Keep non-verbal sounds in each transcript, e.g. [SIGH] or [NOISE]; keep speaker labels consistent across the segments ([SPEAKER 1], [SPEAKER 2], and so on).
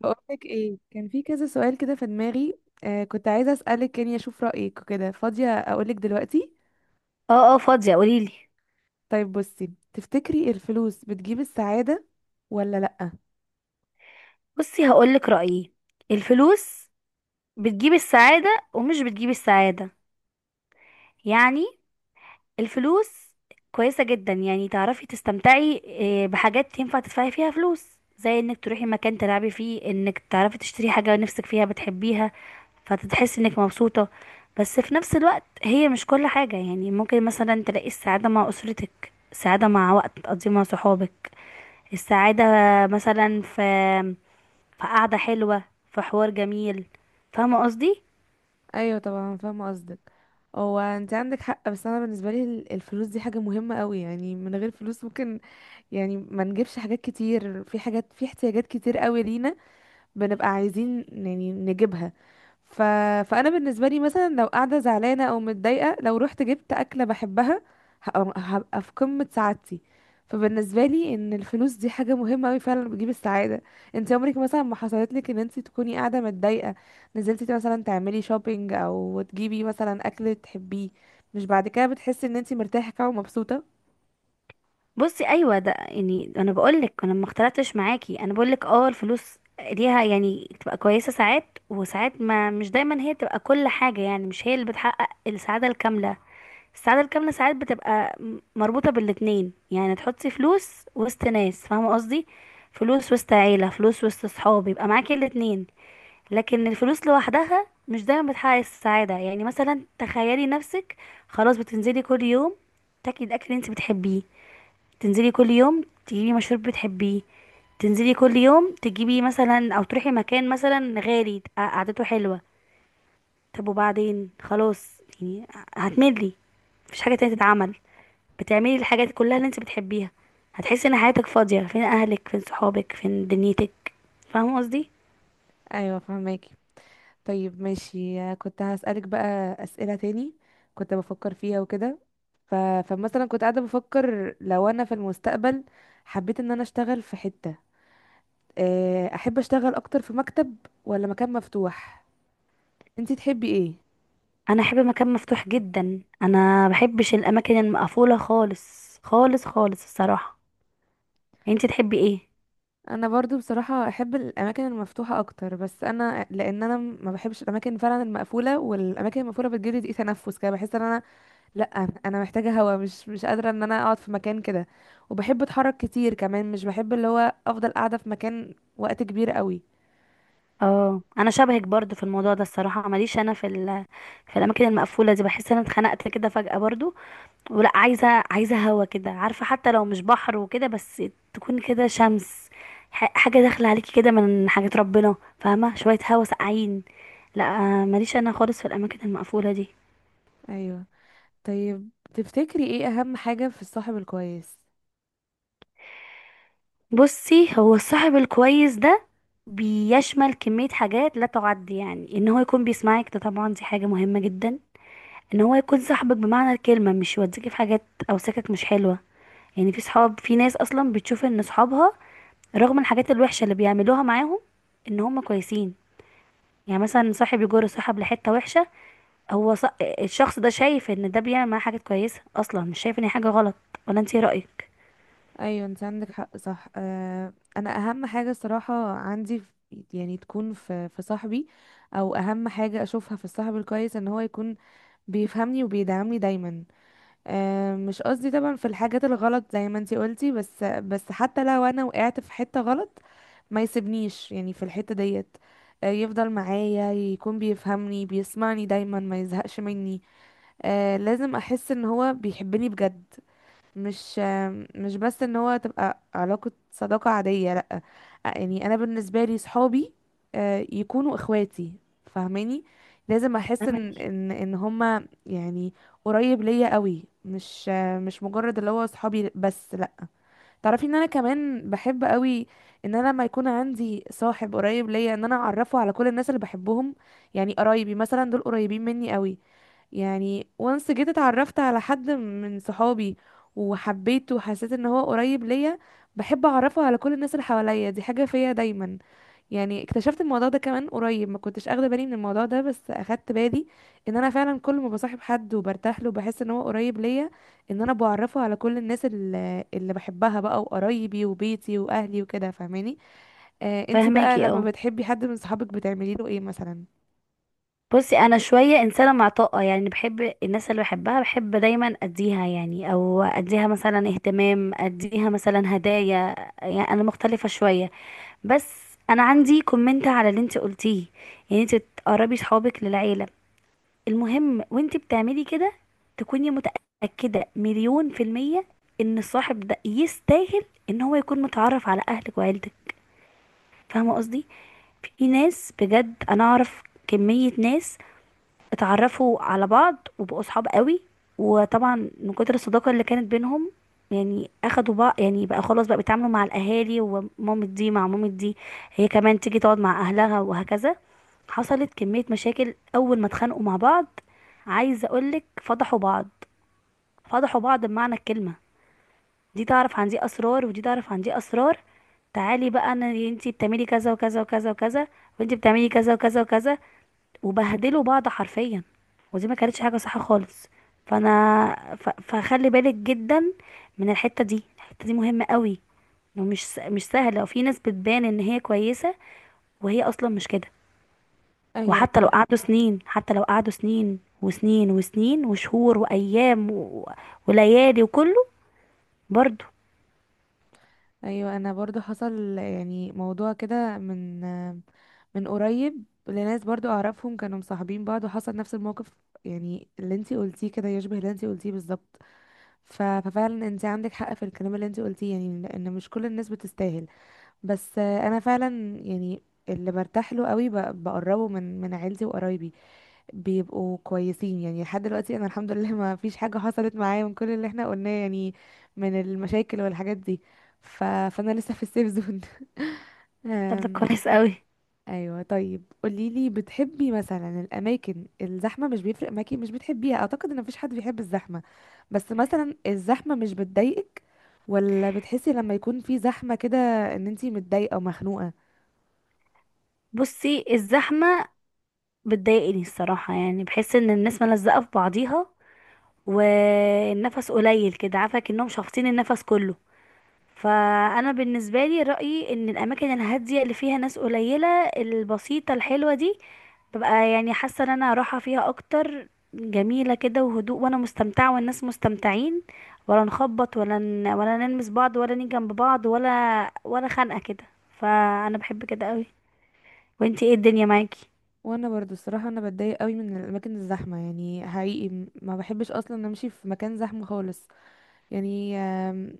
[SPEAKER 1] بقولك ايه، كان في كذا سؤال كده في دماغي. آه، كنت عايزة أسألك يعني أشوف رأيك وكده. فاضية أقولك دلوقتي؟
[SPEAKER 2] اه اه، فاضية قوليلي.
[SPEAKER 1] طيب، بصي، تفتكري الفلوس بتجيب السعادة ولا لأ؟
[SPEAKER 2] بصي، هقولك رأيي. الفلوس بتجيب السعادة ومش بتجيب السعادة، يعني الفلوس كويسة جدا، يعني تعرفي تستمتعي بحاجات ينفع تدفعي فيها فلوس، زي انك تروحي مكان تلعبي فيه، انك تعرفي تشتري حاجة نفسك فيها بتحبيها، فتتحسي انك مبسوطة. بس في نفس الوقت هي مش كل حاجة، يعني ممكن مثلا تلاقي السعادة مع أسرتك، السعادة مع وقت تقضيه مع صحابك، السعادة مثلا في فقعدة حلوة، في حوار جميل. فاهمة قصدي؟
[SPEAKER 1] أيوة طبعا فاهمة قصدك. هو انت عندك حق، بس انا بالنسبه لي الفلوس دي حاجه مهمه قوي، يعني من غير فلوس ممكن يعني ما نجيبش حاجات كتير. في احتياجات كتير قوي لينا بنبقى عايزين يعني نجيبها. ف... فانا بالنسبه لي مثلا، لو قاعده زعلانه او متضايقه، لو رحت جبت اكله بحبها هبقى في قمه سعادتي. فبالنسبه لي ان الفلوس دي حاجه مهمه قوي، فعلا بتجيب السعاده. انت عمرك مثلا ما حصلت لك ان انت تكوني قاعده متضايقه، نزلتي مثلا تعملي شوبينج او تجيبي مثلا اكل تحبيه، مش بعد كده بتحسي ان انت مرتاحه كده ومبسوطه؟
[SPEAKER 2] بصي، ايوه، ده يعني انا بقولك انا ما اختلفتش معاكي، انا بقولك اه الفلوس ليها يعني تبقى كويسة ساعات وساعات، ما مش دايما هي تبقى كل حاجة، يعني مش هي اللي بتحقق السعادة الكاملة. السعادة الكاملة ساعات بتبقى مربوطة بالاتنين، يعني تحطي فلوس وسط ناس، فاهمة قصدي، فلوس وسط عيلة، فلوس وسط صحاب، يبقى معاكي الاتنين. لكن الفلوس لوحدها مش دايما بتحقق السعادة، يعني مثلا تخيلي نفسك خلاص بتنزلي كل يوم تاكلي الاكل اللي انت بتحبيه، تنزلي كل يوم تجيبي مشروب بتحبيه، تنزلي كل يوم تجيبي مثلا او تروحي مكان مثلا غالي تبقى قعدته حلوة. طب وبعدين؟ خلاص، يعني هتملي، مفيش حاجة تانية تتعمل، بتعملي الحاجات كلها اللي انت بتحبيها. هتحسي ان حياتك فاضية، فين اهلك؟ فين صحابك؟ فين دنيتك؟ فاهمة قصدي؟
[SPEAKER 1] ايوه فهماكي. طيب ماشي، كنت هسألك بقى أسئلة تاني كنت بفكر فيها وكده. ف... فمثلا كنت قاعدة بفكر، لو أنا في المستقبل حبيت إن أنا أشتغل في حتة، أحب أشتغل أكتر في مكتب ولا مكان مفتوح؟ انتي تحبي إيه؟
[SPEAKER 2] انا احب مكان مفتوح جدا، انا بحبش الاماكن المقفوله خالص خالص خالص الصراحه. انتي تحبي ايه؟
[SPEAKER 1] أنا برضو بصراحة أحب الأماكن المفتوحة أكتر، بس أنا لأن أنا ما بحبش الأماكن فعلا المقفولة، والأماكن المقفولة بتجيلي ضيق تنفس كده، بحس إن أنا، لا، انا محتاجه هوا، مش قادره ان انا اقعد في مكان كده. وبحب اتحرك كتير كمان، مش بحب اللي هو افضل قاعده في مكان وقت كبير قوي.
[SPEAKER 2] اه انا شبهك برضو في الموضوع ده الصراحه، ماليش انا في في الاماكن المقفوله دي، بحس ان انا اتخنقت كده فجاه برضو، ولا عايزه هوا كده، عارفه، حتى لو مش بحر وكده، بس تكون كده شمس، حاجه داخله عليكي كده من حاجات ربنا، فاهمه، شويه هوا ساقعين. لا ماليش انا خالص في الاماكن المقفوله دي.
[SPEAKER 1] ايوه. طيب تفتكري ايه اهم حاجه في الصاحب الكويس؟
[SPEAKER 2] بصي، هو الصاحب الكويس ده بيشمل كمية حاجات لا تعد، يعني ان هو يكون بيسمعك، ده طبعا دي حاجة مهمة جدا، ان هو يكون صاحبك بمعنى الكلمة، مش يوديكي في حاجات او سكك مش حلوة. يعني في صحاب، في ناس اصلا بتشوف ان صحابها، رغم الحاجات الوحشة اللي بيعملوها معاهم، ان هم كويسين. يعني مثلا صاحب يجر صاحب لحتة وحشة، هو ص... الشخص ده شايف ان ده بيعمل معاه حاجات كويسة، اصلا مش شايف ان هي حاجة غلط. ولا انت ايه رأيك؟
[SPEAKER 1] ايوه انت عندك حق، صح. آه، انا اهم حاجه الصراحه عندي يعني تكون في صاحبي، او اهم حاجه اشوفها في الصاحب الكويس، ان هو يكون بيفهمني وبيدعمني دايما. مش قصدي طبعا في الحاجات الغلط زي ما انتي قلتي، بس حتى لو انا وقعت في حتة غلط ما يسيبنيش يعني في الحتة ديت. يفضل معايا، يكون بيفهمني بيسمعني دايما، ما يزهقش مني. لازم احس ان هو بيحبني بجد، مش مش بس ان هو تبقى علاقة صداقة عادية، لأ. يعني انا بالنسبة لي صحابي يكونوا اخواتي، فاهماني؟ لازم احس ان
[SPEAKER 2] فهمك.
[SPEAKER 1] هما يعني قريب ليا قوي، مش مجرد اللي هو صحابي بس، لأ. تعرفي ان انا كمان بحب قوي، ان انا لما يكون عندي صاحب قريب ليا ان انا اعرفه على كل الناس اللي بحبهم. يعني قرايبي مثلا دول قريبين مني قوي، يعني وانس جيت اتعرفت على حد من صحابي وحبيته وحسيت ان هو قريب ليا، بحب اعرفه على كل الناس اللي حواليا. دي حاجة فيا دايما. يعني اكتشفت الموضوع ده كمان قريب، ما كنتش اخده بالي من الموضوع ده، بس اخدت بالي ان انا فعلا كل ما بصاحب حد وبرتاح له بحس ان هو قريب ليا، ان انا بعرفه على كل الناس اللي بحبها بقى، وقرايبي وبيتي واهلي وكده، فاهماني؟ انتي بقى
[SPEAKER 2] فاهماكي،
[SPEAKER 1] لما
[SPEAKER 2] اه.
[SPEAKER 1] بتحبي حد من صحابك بتعملي له ايه مثلا؟
[SPEAKER 2] بصي، انا شويه انسانه معطاءه، يعني بحب الناس اللي بحبها، بحب دايما اديها يعني، او اديها مثلا اهتمام، اديها مثلا هدايا، يعني انا مختلفه شويه. بس انا عندي كومنت على اللي انت قلتيه، يعني انت تقربي صحابك للعيله، المهم وانت بتعملي كده تكوني متاكده مليون في الميه ان الصاحب ده يستاهل ان هو يكون متعرف على اهلك وعيلتك. فاهمه قصدي؟ في ناس بجد انا اعرف كمية ناس اتعرفوا على بعض وبقوا صحاب قوي، وطبعا من كتر الصداقة اللي كانت بينهم، يعني اخدوا بقى، يعني بقى خلاص بقى بيتعاملوا مع الاهالي، ومامة دي مع مامة دي، هي كمان تيجي تقعد مع اهلها، وهكذا. حصلت كمية مشاكل اول ما اتخانقوا مع بعض، عايزة اقولك فضحوا بعض، فضحوا بعض بمعنى الكلمة. دي تعرف عن دي اسرار، ودي تعرف عن دي اسرار. تعالي بقى انا، انتي بتعملي كذا وكذا وكذا وكذا، وانتي بتعملي كذا وكذا وكذا، وبهدلوا بعض حرفيا. ودي ما كانتش حاجة صح خالص. فخلي بالك جدا من الحتة دي، الحتة دي مهمة قوي، مش سهلة، وفي ناس بتبان ان هي كويسة وهي اصلا مش كده.
[SPEAKER 1] ايوه.
[SPEAKER 2] وحتى لو قعدوا سنين، حتى لو قعدوا سنين وسنين وسنين وشهور وايام وليالي وكله، برضو.
[SPEAKER 1] ايوه انا برضو حصل يعني موضوع كده، من قريب، لناس برضو اعرفهم كانوا مصاحبين بعض وحصل نفس الموقف. يعني اللي انتي قلتيه كده يشبه اللي انتي قلتيه بالظبط. ففعلا انتي عندك حق في الكلام اللي انتي قلتيه، يعني لان مش كل الناس بتستاهل. بس انا فعلا يعني اللي برتاح له قوي بقربه من عيلتي وقرايبي بيبقوا كويسين. يعني لحد دلوقتي انا الحمد لله ما فيش حاجة حصلت معايا من كل اللي احنا قلناه، يعني من المشاكل والحاجات دي. فانا لسه في السيف زون. [LAUGHS]
[SPEAKER 2] طب ده
[SPEAKER 1] أم...
[SPEAKER 2] كويس قوي.
[SPEAKER 1] ايوه. طيب قولي لي، بتحبي مثلا الاماكن الزحمه، مش بيفرق معاكي، مش بتحبيها؟ اعتقد ان مفيش حد بيحب الزحمه، بس مثلا الزحمه مش بتضايقك ولا بتحسي لما يكون في زحمه كده ان انتي متضايقه ومخنوقه؟
[SPEAKER 2] بصي، الزحمة بتضايقني الصراحة، يعني بحس ان الناس ملزقة في بعضيها، والنفس قليل كده، عارفه، كأنهم شافطين النفس كله. فانا بالنسبه لي رايي ان الاماكن الهاديه اللي فيها ناس قليله، البسيطه الحلوه دي، ببقى يعني حاسه ان انا راحه فيها اكتر، جميله كده وهدوء، وانا مستمتعه والناس مستمتعين، ولا نخبط ولا نلمس بعض ولا نيجي جنب بعض ولا ولا خنقه كده. فانا بحب كده قوي. وانتي ايه الدنيا معاكي؟
[SPEAKER 1] وانا برضو الصراحه انا بتضايق قوي من الاماكن الزحمه. يعني حقيقي ما بحبش اصلا امشي في مكان زحمه خالص. يعني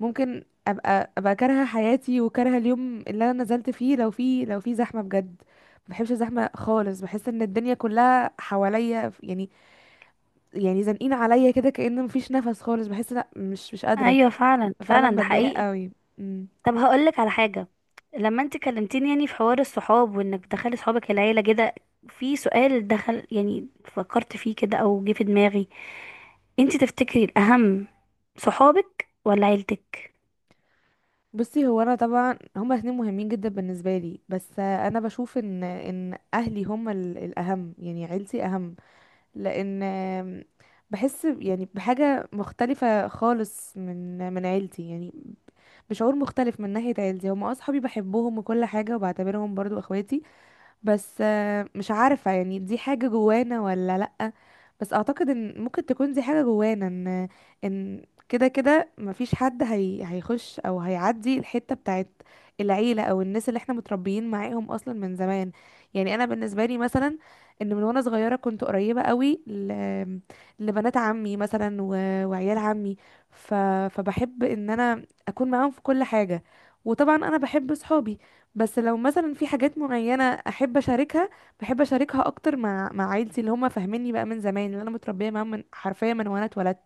[SPEAKER 1] ممكن ابقى كارهه حياتي وكارهه اليوم اللي انا نزلت فيه لو في زحمه بجد. ما بحبش الزحمه خالص، بحس ان الدنيا كلها حواليا يعني يعني زانقين عليا كده، كأن مفيش نفس خالص، بحس لا، مش قادره.
[SPEAKER 2] ايوه فعلا
[SPEAKER 1] فعلا
[SPEAKER 2] فعلا ده
[SPEAKER 1] بتضايق
[SPEAKER 2] حقيقي.
[SPEAKER 1] قوي.
[SPEAKER 2] طب هقولك على حاجة، لما انت كلمتيني يعني في حوار الصحاب وانك تدخلي صحابك العيلة كده، في سؤال دخل يعني فكرت فيه كده او جه في دماغي، انت تفتكري الاهم، صحابك ولا عيلتك؟
[SPEAKER 1] بصي، هو انا طبعا هما الاثنين مهمين جدا بالنسبه لي، بس انا بشوف ان ان اهلي هما الاهم، يعني عيلتي اهم. لان بحس يعني بحاجه مختلفه خالص من عيلتي، يعني بشعور مختلف. من ناحيه عيلتي هما اصحابي، بحبهم وكل حاجه، وبعتبرهم برضو اخواتي. بس مش عارفة يعني دي حاجة جوانا ولا لأ، بس أعتقد إن ممكن تكون دي حاجة جوانا، إن إن كده كده مفيش حد هيخش أو هيعدي الحتة بتاعت العيلة، أو الناس اللي احنا متربيين معاهم أصلا من زمان. يعني أنا بالنسبة لي مثلا، إن من وأنا صغيرة كنت قريبة قوي لبنات عمي مثلا وعيال عمي، ف... فبحب إن أنا أكون معاهم في كل حاجة. وطبعا أنا بحب صحابي، بس لو مثلا في حاجات معينة أحب أشاركها، بحب أشاركها أكتر مع عيلتي اللي هم فاهميني بقى من زمان، اللي أنا متربية معاهم من حرفيا من وأنا اتولدت.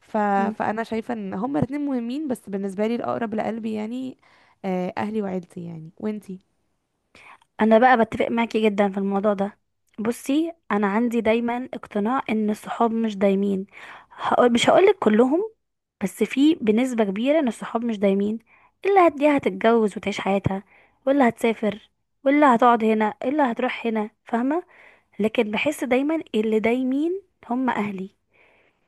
[SPEAKER 1] ف... فأنا شايفة إن هما الاتنين مهمين، بس بالنسبة لي الأقرب لقلبي يعني أهلي وعيلتي، يعني. وإنتي؟
[SPEAKER 2] انا بقى بتفق معاكي جدا في الموضوع ده. بصي، انا عندي دايما اقتناع ان الصحاب مش دايمين، هقول مش هقولك كلهم، بس في بنسبة كبيرة ان الصحاب مش دايمين. اللي هتديها هتتجوز وتعيش حياتها، واللي هتسافر، واللي هتقعد هنا، اللي هتروح هنا، فاهمة. لكن بحس دايما اللي دايمين هم اهلي،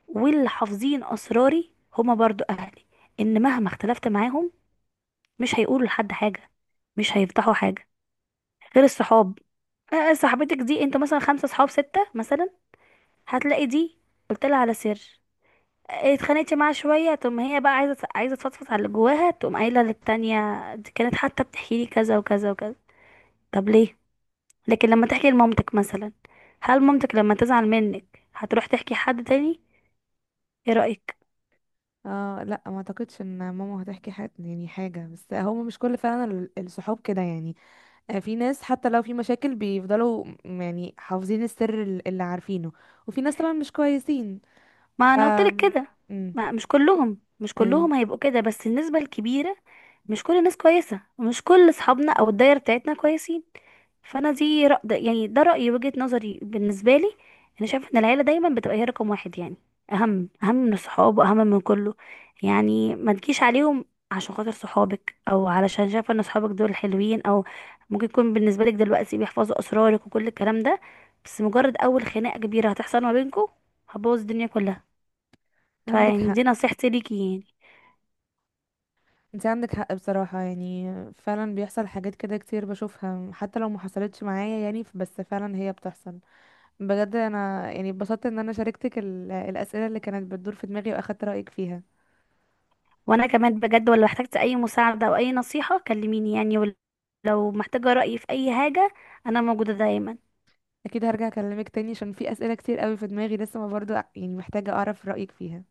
[SPEAKER 2] واللي حافظين اسراري هم برضو اهلي، ان مهما اختلفت معاهم مش هيقولوا لحد حاجة، مش هيفتحوا حاجة، غير الصحاب. صاحبتك دي، انتوا مثلا خمسة صحاب ستة مثلا، هتلاقي دي قلت لها على سر، اتخانقت معاها شوية، تقوم هي بقى عايزة تفضفض على اللي جواها، تقوم قايلة للتانية، دي كانت حتى بتحكي لي كذا وكذا وكذا. طب ليه؟ لكن لما تحكي لمامتك مثلا، هل مامتك لما تزعل منك هتروح تحكي حد تاني؟ ايه رأيك؟
[SPEAKER 1] اه لا، ما اعتقدش ان ماما هتحكي حاجة يعني حاجة، بس هما مش كل فعلا الصحاب كده. يعني في ناس حتى لو في مشاكل بيفضلوا يعني حافظين السر اللي عارفينه، وفي ناس طبعا مش كويسين.
[SPEAKER 2] ما
[SPEAKER 1] ف
[SPEAKER 2] انا قلت لك كده،
[SPEAKER 1] مم.
[SPEAKER 2] ما مش كلهم، مش
[SPEAKER 1] ايوه،
[SPEAKER 2] كلهم هيبقوا كده، بس النسبة الكبيرة. مش كل الناس كويسة، ومش كل اصحابنا او الدايرة بتاعتنا كويسين. فانا دي يعني ده رأيي، وجهة نظري بالنسبة لي. انا شايفة ان العيلة دايما بتبقى هي رقم واحد، يعني اهم من الصحاب واهم من كله. يعني ما تجيش عليهم عشان خاطر صحابك، او علشان شايفة ان صحابك دول حلوين، او ممكن يكون بالنسبة لك دلوقتي بيحفظوا اسرارك وكل الكلام ده، بس مجرد اول خناقة كبيرة هتحصل ما بينكم هتبوظ الدنيا كلها.
[SPEAKER 1] عندك
[SPEAKER 2] فيعني
[SPEAKER 1] حق
[SPEAKER 2] دي نصيحتي ليكي، يعني
[SPEAKER 1] انت عندك حق بصراحة، يعني فعلا بيحصل حاجات كده كتير بشوفها حتى لو ما حصلتش معايا، يعني بس فعلا هي بتحصل. بجد انا يعني اتبسطت ان انا شاركتك الاسئلة اللي كانت بتدور في دماغي واخدت رأيك فيها.
[SPEAKER 2] وانا كمان بجد، ولو احتجت اي مساعدة او اي نصيحة كلميني، يعني ولو محتاجة رأيي في اي حاجة انا موجودة دايما.
[SPEAKER 1] اكيد هرجع اكلمك تاني عشان في اسئلة كتير قوي في دماغي لسه، ما برضو يعني محتاجة اعرف رأيك فيها.